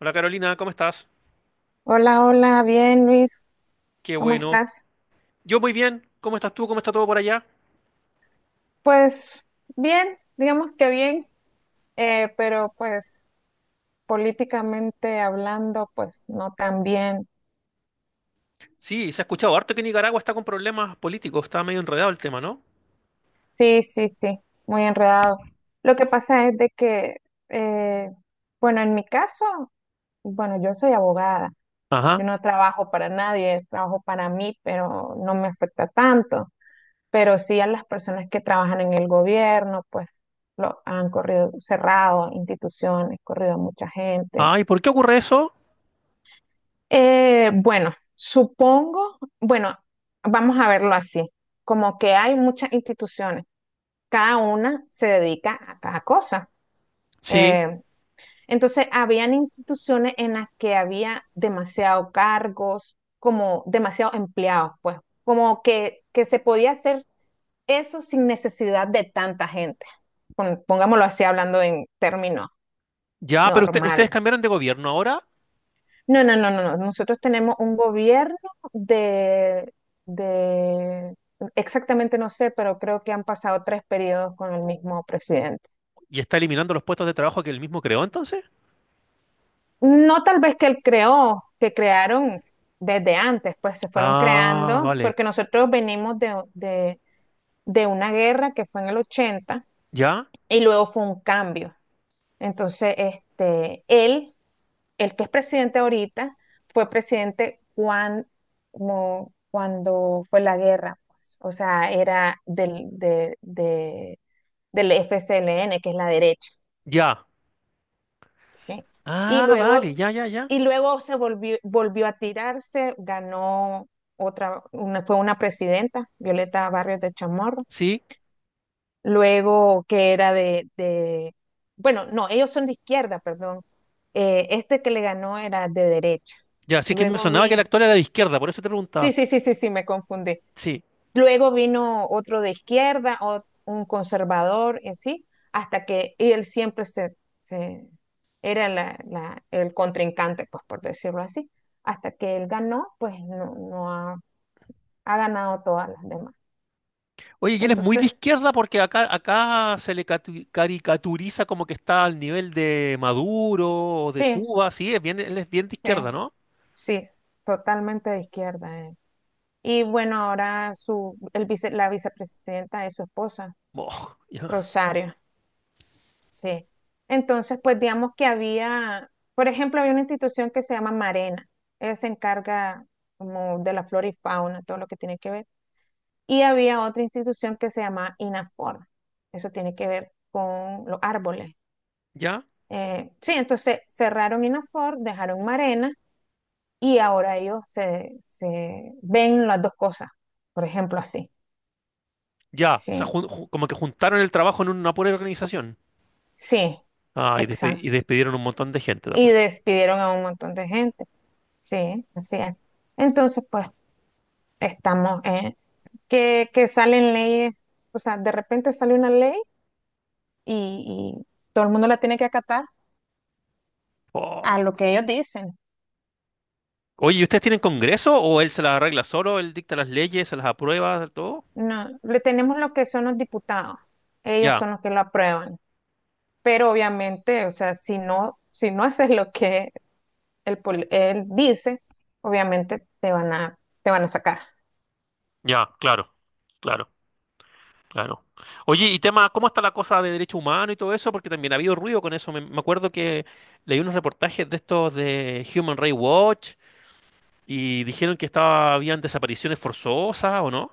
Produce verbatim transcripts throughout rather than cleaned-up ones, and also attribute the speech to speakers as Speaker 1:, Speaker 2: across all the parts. Speaker 1: Hola Carolina, ¿cómo estás?
Speaker 2: Hola, hola, bien Luis,
Speaker 1: Qué
Speaker 2: ¿cómo
Speaker 1: bueno.
Speaker 2: estás?
Speaker 1: Yo muy bien. ¿Cómo estás tú? ¿Cómo está todo por allá?
Speaker 2: Pues bien, digamos que bien, eh, pero pues políticamente hablando, pues no tan bien.
Speaker 1: Sí, se ha escuchado harto que Nicaragua está con problemas políticos. Está medio enredado el tema, ¿no?
Speaker 2: Sí, sí, sí, muy enredado. Lo que pasa es de que, eh, bueno, en mi caso, bueno, yo soy abogada, yo
Speaker 1: Ajá.
Speaker 2: no trabajo para nadie, trabajo para mí, pero no me afecta tanto. Pero sí a las personas que trabajan en el gobierno, pues lo han corrido cerrado, instituciones, corrido a mucha gente.
Speaker 1: Ay, ¿por qué ocurre eso?
Speaker 2: Eh, bueno, supongo, bueno, vamos a verlo así, como que hay muchas instituciones, cada una se dedica a cada cosa.
Speaker 1: Sí.
Speaker 2: Eh, entonces, habían instituciones en las que había demasiado cargos, como demasiados empleados, pues, como que, que se podía hacer eso sin necesidad de tanta gente. Pongámoslo así hablando en términos
Speaker 1: Ya, pero usted- ustedes
Speaker 2: normales.
Speaker 1: cambiaron de gobierno ahora
Speaker 2: No, no, no, no, no. Nosotros tenemos un gobierno de, de, exactamente no sé, pero creo que han pasado tres periodos con el mismo presidente.
Speaker 1: y está eliminando los puestos de trabajo que él mismo creó, entonces.
Speaker 2: No tal vez que él creó, que crearon desde antes, pues se fueron
Speaker 1: Ah,
Speaker 2: creando,
Speaker 1: vale.
Speaker 2: porque nosotros venimos de, de, de una guerra que fue en el ochenta.
Speaker 1: ¿Ya?
Speaker 2: Y luego fue un cambio. Entonces, este, él, el que es presidente ahorita, fue presidente cuando, como cuando fue la guerra, pues. O sea, era del, de- de- del F C L N, que es la derecha,
Speaker 1: Ya.
Speaker 2: ¿sí? Y
Speaker 1: Ah, vale,
Speaker 2: luego,
Speaker 1: ya, ya, ya.
Speaker 2: y luego se volvió, volvió a tirarse, ganó otra, una, fue una presidenta, Violeta Barrios de Chamorro,
Speaker 1: Sí,
Speaker 2: luego que era de, de- bueno, no, ellos son de izquierda, perdón. Eh, este que le ganó era de derecha,
Speaker 1: ya. Sí que me
Speaker 2: luego
Speaker 1: sonaba que el
Speaker 2: vino,
Speaker 1: actual era de izquierda, por eso te
Speaker 2: sí,
Speaker 1: preguntaba.
Speaker 2: sí, sí, sí, sí, me confundí,
Speaker 1: Sí.
Speaker 2: luego vino otro de izquierda, o- un conservador, y así, hasta que y él siempre se, se era la, la- el contrincante, pues por decirlo así, hasta que él ganó, pues no, no ha, ha ganado todas las demás.
Speaker 1: Oye, y él es muy de
Speaker 2: Entonces,
Speaker 1: izquierda porque acá, acá se le catu- caricaturiza como que está al nivel de Maduro o de
Speaker 2: sí,
Speaker 1: Cuba, sí, es bien, él es bien de
Speaker 2: sí,
Speaker 1: izquierda, ¿no?
Speaker 2: sí, totalmente de izquierda eh. Y bueno, ahora su, el vice- la vicepresidenta es su esposa,
Speaker 1: Boh, ya,
Speaker 2: Rosario. Sí. Entonces, pues digamos que había, por ejemplo, había una institución que se llama Marena. Ella se encarga como de la flora y fauna, todo lo que tiene que ver. Y había otra institución que se llama Inafor. Eso tiene que ver con los árboles.
Speaker 1: ya,
Speaker 2: Eh, sí, entonces cerraron Inafor, dejaron Marena y ahora ellos se, se ven las dos cosas, por ejemplo, así.
Speaker 1: ya. O sea,
Speaker 2: Sí.
Speaker 1: jun- ju- como que juntaron el trabajo en una pura organización.
Speaker 2: Sí,
Speaker 1: Ah, y, despe- y
Speaker 2: exacto.
Speaker 1: despidieron un montón de gente, te
Speaker 2: Y
Speaker 1: apuesto.
Speaker 2: despidieron a un montón de gente. Sí, así es. Entonces, pues, estamos en que, que salen leyes, o sea, de repente sale una ley y, y todo el mundo la tiene que acatar a
Speaker 1: Oh.
Speaker 2: lo que ellos dicen.
Speaker 1: Oye, ¿y ustedes tienen congreso o él se las arregla solo? ¿Él dicta las leyes, se las aprueba, todo?
Speaker 2: No, le tenemos lo que son los diputados. Ellos
Speaker 1: Ya,
Speaker 2: son los que lo aprueban. Pero obviamente, o sea, si no, si no haces lo que él, él dice, obviamente te van a, te van a sacar.
Speaker 1: ya, claro, claro. Claro. Oye, y tema, ¿cómo está la cosa de derechos humanos y todo eso? Porque también ha habido ruido con eso. Me, me acuerdo que leí unos reportajes de estos de Human Rights Watch y dijeron que estaba, habían desapariciones forzosas, ¿o no?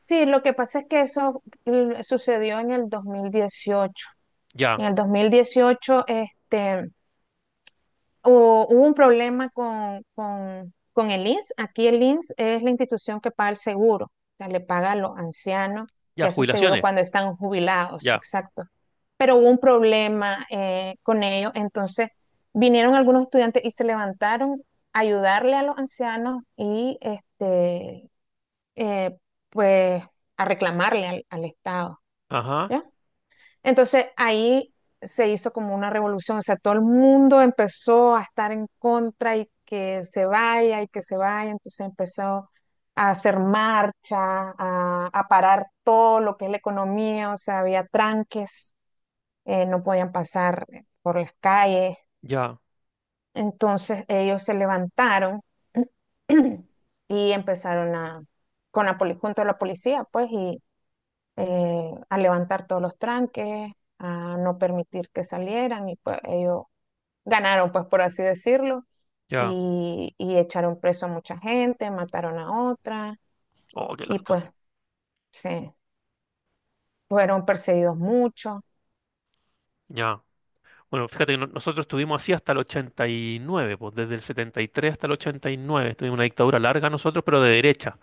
Speaker 2: Sí, lo que pasa es que eso mm, sucedió en el dos mil dieciocho.
Speaker 1: Ya,
Speaker 2: En el dos mil dieciocho, este, hu- hubo un problema con, con, con el I N S S. Aquí el I N S S es la institución que paga el seguro, o sea, le paga a los ancianos
Speaker 1: ya,
Speaker 2: ya su seguro
Speaker 1: jubilaciones,
Speaker 2: cuando están jubilados,
Speaker 1: ya.
Speaker 2: exacto. Pero hubo un problema eh, con ellos, entonces vinieron algunos estudiantes y se levantaron a ayudarle a los ancianos y este, eh, pues a reclamarle al, al Estado,
Speaker 1: Ajá,
Speaker 2: ¿ya? Entonces ahí se hizo como una revolución, o sea, todo el mundo empezó a estar en contra y que se vaya y que se vaya, entonces empezó a hacer marcha, a, a parar todo lo que es la economía, o sea, había tranques, eh, no podían pasar por las calles,
Speaker 1: ya,
Speaker 2: entonces ellos se levantaron y empezaron a, con la, poli- junto a la policía, pues, y, eh, a levantar todos los tranques, a no permitir que salieran y pues ellos ganaron, pues por así decirlo,
Speaker 1: ya.
Speaker 2: y, y echaron preso a mucha gente, mataron a otra
Speaker 1: Oh, qué
Speaker 2: y
Speaker 1: lata.
Speaker 2: pues se fueron perseguidos mucho.
Speaker 1: Ya. Bueno, fíjate que no- nosotros estuvimos así hasta el ochenta y nueve, pues desde el setenta y tres hasta el ochenta y nueve. Tuvimos una dictadura larga nosotros, pero de derecha.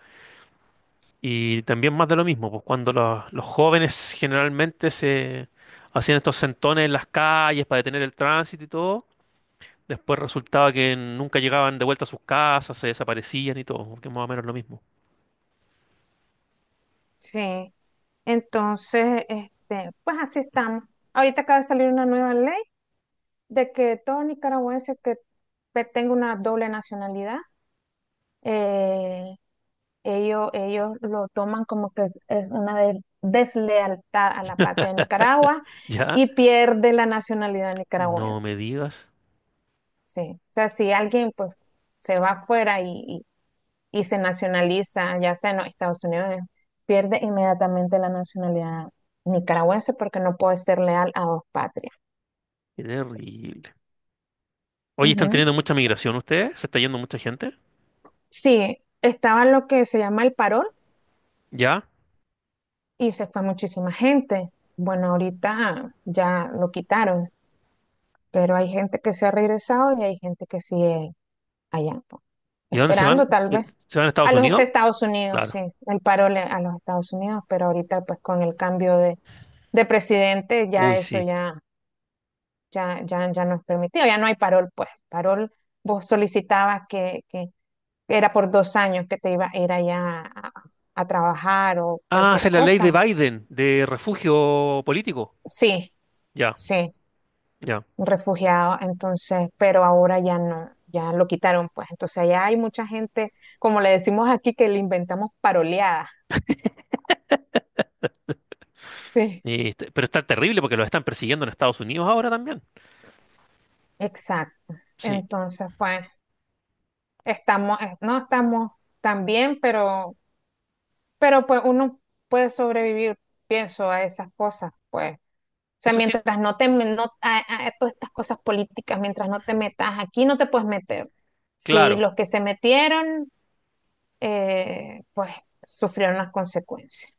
Speaker 1: Y también más de lo mismo, pues cuando los, los jóvenes generalmente se hacían estos sentones en las calles para detener el tránsito y todo, después resultaba que nunca llegaban de vuelta a sus casas, se desaparecían y todo, que es más o menos lo mismo.
Speaker 2: Sí, entonces, este, pues así estamos. Ahorita acaba de salir una nueva ley de que todo nicaragüense que pe- tenga una doble nacionalidad eh, Ellos, ellos lo toman como que es, es una des- deslealtad a la patria de Nicaragua
Speaker 1: ¿Ya?
Speaker 2: y pierde la nacionalidad
Speaker 1: No me
Speaker 2: nicaragüense.
Speaker 1: digas,
Speaker 2: Sí. O sea, si alguien pues se va afuera y, y, y se nacionaliza, ya sea en los Estados Unidos, pierde inmediatamente la nacionalidad nicaragüense porque no puede ser leal a dos patrias.
Speaker 1: qué terrible. Oye, ¿están
Speaker 2: Ujú.
Speaker 1: teniendo mucha migración ustedes? ¿Se está yendo mucha gente?
Speaker 2: Sí, estaba lo que se llama el parol
Speaker 1: ¿Ya?
Speaker 2: y se fue muchísima gente. Bueno, ahorita ya lo quitaron. Pero hay gente que se ha regresado y hay gente que sigue allá, pues,
Speaker 1: ¿Y a dónde se
Speaker 2: esperando
Speaker 1: van?
Speaker 2: tal
Speaker 1: ¿Se,
Speaker 2: vez.
Speaker 1: se van a
Speaker 2: A
Speaker 1: Estados
Speaker 2: los
Speaker 1: Unidos?
Speaker 2: Estados Unidos, sí,
Speaker 1: Claro.
Speaker 2: el paro le- a los Estados Unidos, pero ahorita pues con el cambio de, de presidente ya
Speaker 1: Uy,
Speaker 2: eso
Speaker 1: sí.
Speaker 2: ya, ya, ya, ya no es permitido, ya no hay parol, pues. Parol, vos solicitabas que, que era por dos años que te iba a ir allá a, a trabajar o
Speaker 1: Ah, esa
Speaker 2: cualquier
Speaker 1: es la ley de
Speaker 2: cosa.
Speaker 1: Biden, de refugio político.
Speaker 2: Sí,
Speaker 1: Ya,
Speaker 2: sí.
Speaker 1: ya.
Speaker 2: Un refugiado, entonces, pero ahora ya no, ya lo quitaron, pues. Entonces, allá hay mucha gente, como le decimos aquí, que le inventamos paroleadas. Sí.
Speaker 1: Y este- pero está terrible porque los están persiguiendo en Estados Unidos ahora también.
Speaker 2: Exacto.
Speaker 1: Sí.
Speaker 2: Entonces, pues, estamos, eh, no estamos tan bien, pero, pero pues uno puede sobrevivir, pienso, a esas cosas, pues. O sea,
Speaker 1: Eso tiene,
Speaker 2: mientras no te, me- no, a, a a todas estas cosas políticas, mientras no te metas aquí, no te puedes meter. Si
Speaker 1: claro.
Speaker 2: los que se metieron, eh, pues, sufrieron las consecuencias.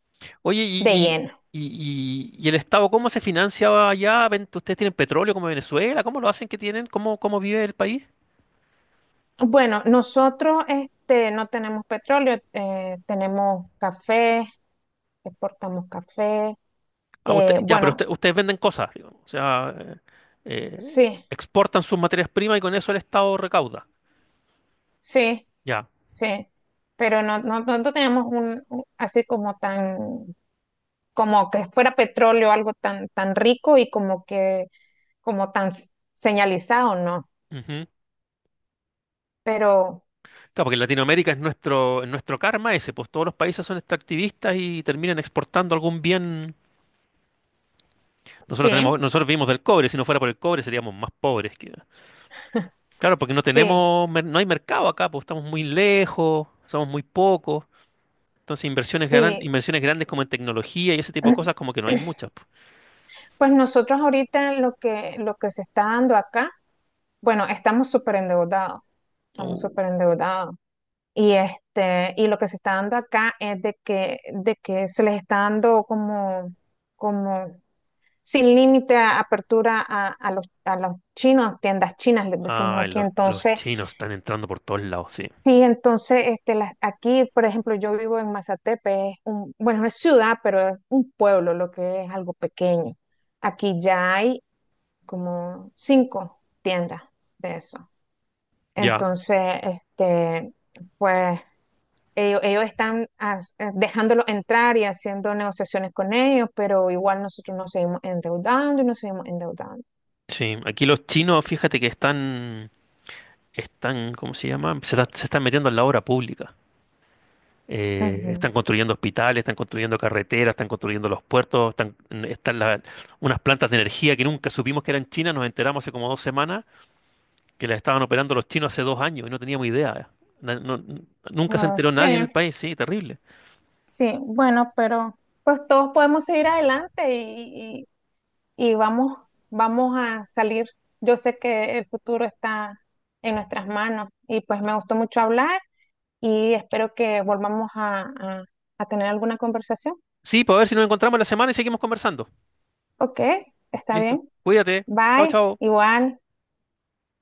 Speaker 1: Oye,
Speaker 2: De
Speaker 1: y,
Speaker 2: lleno.
Speaker 1: y, y, y- y el Estado ¿cómo se financia allá? Ven- ¿Ustedes tienen petróleo como Venezuela? ¿Cómo lo hacen que tienen? ¿Cómo, cómo vive el país?
Speaker 2: Bueno, nosotros este, no tenemos petróleo, eh, tenemos café, exportamos café.
Speaker 1: Ah, usted-
Speaker 2: Eh,
Speaker 1: ya, pero
Speaker 2: bueno,
Speaker 1: usted- ustedes venden cosas, digamos. O sea, eh, eh,
Speaker 2: sí,
Speaker 1: exportan sus materias primas y con eso el Estado recauda.
Speaker 2: sí,
Speaker 1: Ya.
Speaker 2: sí, pero no, no, no no tenemos un, un- así como tan, como que fuera petróleo, algo tan, tan rico y como que, como tan s- señalizado, ¿no?
Speaker 1: Ujú.
Speaker 2: Pero
Speaker 1: Claro, porque en Latinoamérica es nuestro, es nuestro karma ese, pues todos los países son extractivistas y terminan exportando algún bien. Nosotros tenemos,
Speaker 2: sí,
Speaker 1: nosotros vivimos del cobre, si no fuera por el cobre seríamos más pobres que... Claro, porque no
Speaker 2: sí,
Speaker 1: tenemos, mer- no hay mercado acá, pues estamos muy lejos, somos muy pocos. Entonces inversiones gran-
Speaker 2: sí.
Speaker 1: inversiones grandes como en tecnología y ese tipo de cosas como que no hay muchas, pues.
Speaker 2: Pues nosotros ahorita lo que, lo que se está dando acá, bueno, estamos súper endeudados, estamos
Speaker 1: Uh,
Speaker 2: súper endeudados. Y este, y lo que se está dando acá es de que, de que se les está dando como, como sin límite a apertura a, a los, a los chinos, tiendas chinas, les decimos
Speaker 1: ay,
Speaker 2: aquí.
Speaker 1: los, los
Speaker 2: Entonces,
Speaker 1: chinos están entrando por todos lados, sí.
Speaker 2: sí, entonces, este, las, aquí, por ejemplo, yo vivo en Mazatepe, es un, bueno, es ciudad, pero es un pueblo, lo que es algo pequeño. Aquí ya hay como cinco tiendas de eso.
Speaker 1: Ya,
Speaker 2: Entonces, este, pues ellos, ellos están as- eh, dejándolos entrar y haciendo negociaciones con ellos, pero igual nosotros nos seguimos endeudando y nos seguimos endeudando.
Speaker 1: sí. Aquí los chinos, fíjate que están, están, ¿cómo se llama? Se, está- se están metiendo en la obra pública. Eh,
Speaker 2: Ujú.
Speaker 1: están construyendo hospitales, están construyendo carreteras, están construyendo los puertos, están, están la- unas plantas de energía que nunca supimos que eran chinas, nos enteramos hace como dos semanas que las estaban operando los chinos hace dos años y no teníamos idea. Na- no- n- Nunca se
Speaker 2: No,
Speaker 1: enteró
Speaker 2: sí,
Speaker 1: nadie en el país, sí, terrible.
Speaker 2: sí, bueno, pero pues todos podemos seguir adelante y, y- y vamos, vamos a salir. Yo sé que el futuro está en nuestras manos y pues me gustó mucho hablar y espero que volvamos a, a a tener alguna conversación.
Speaker 1: Sí, pues a ver si nos encontramos la semana y seguimos conversando.
Speaker 2: Ok, está
Speaker 1: Listo.
Speaker 2: bien.
Speaker 1: Cuídate. Chao,
Speaker 2: Bye,
Speaker 1: chao.
Speaker 2: igual.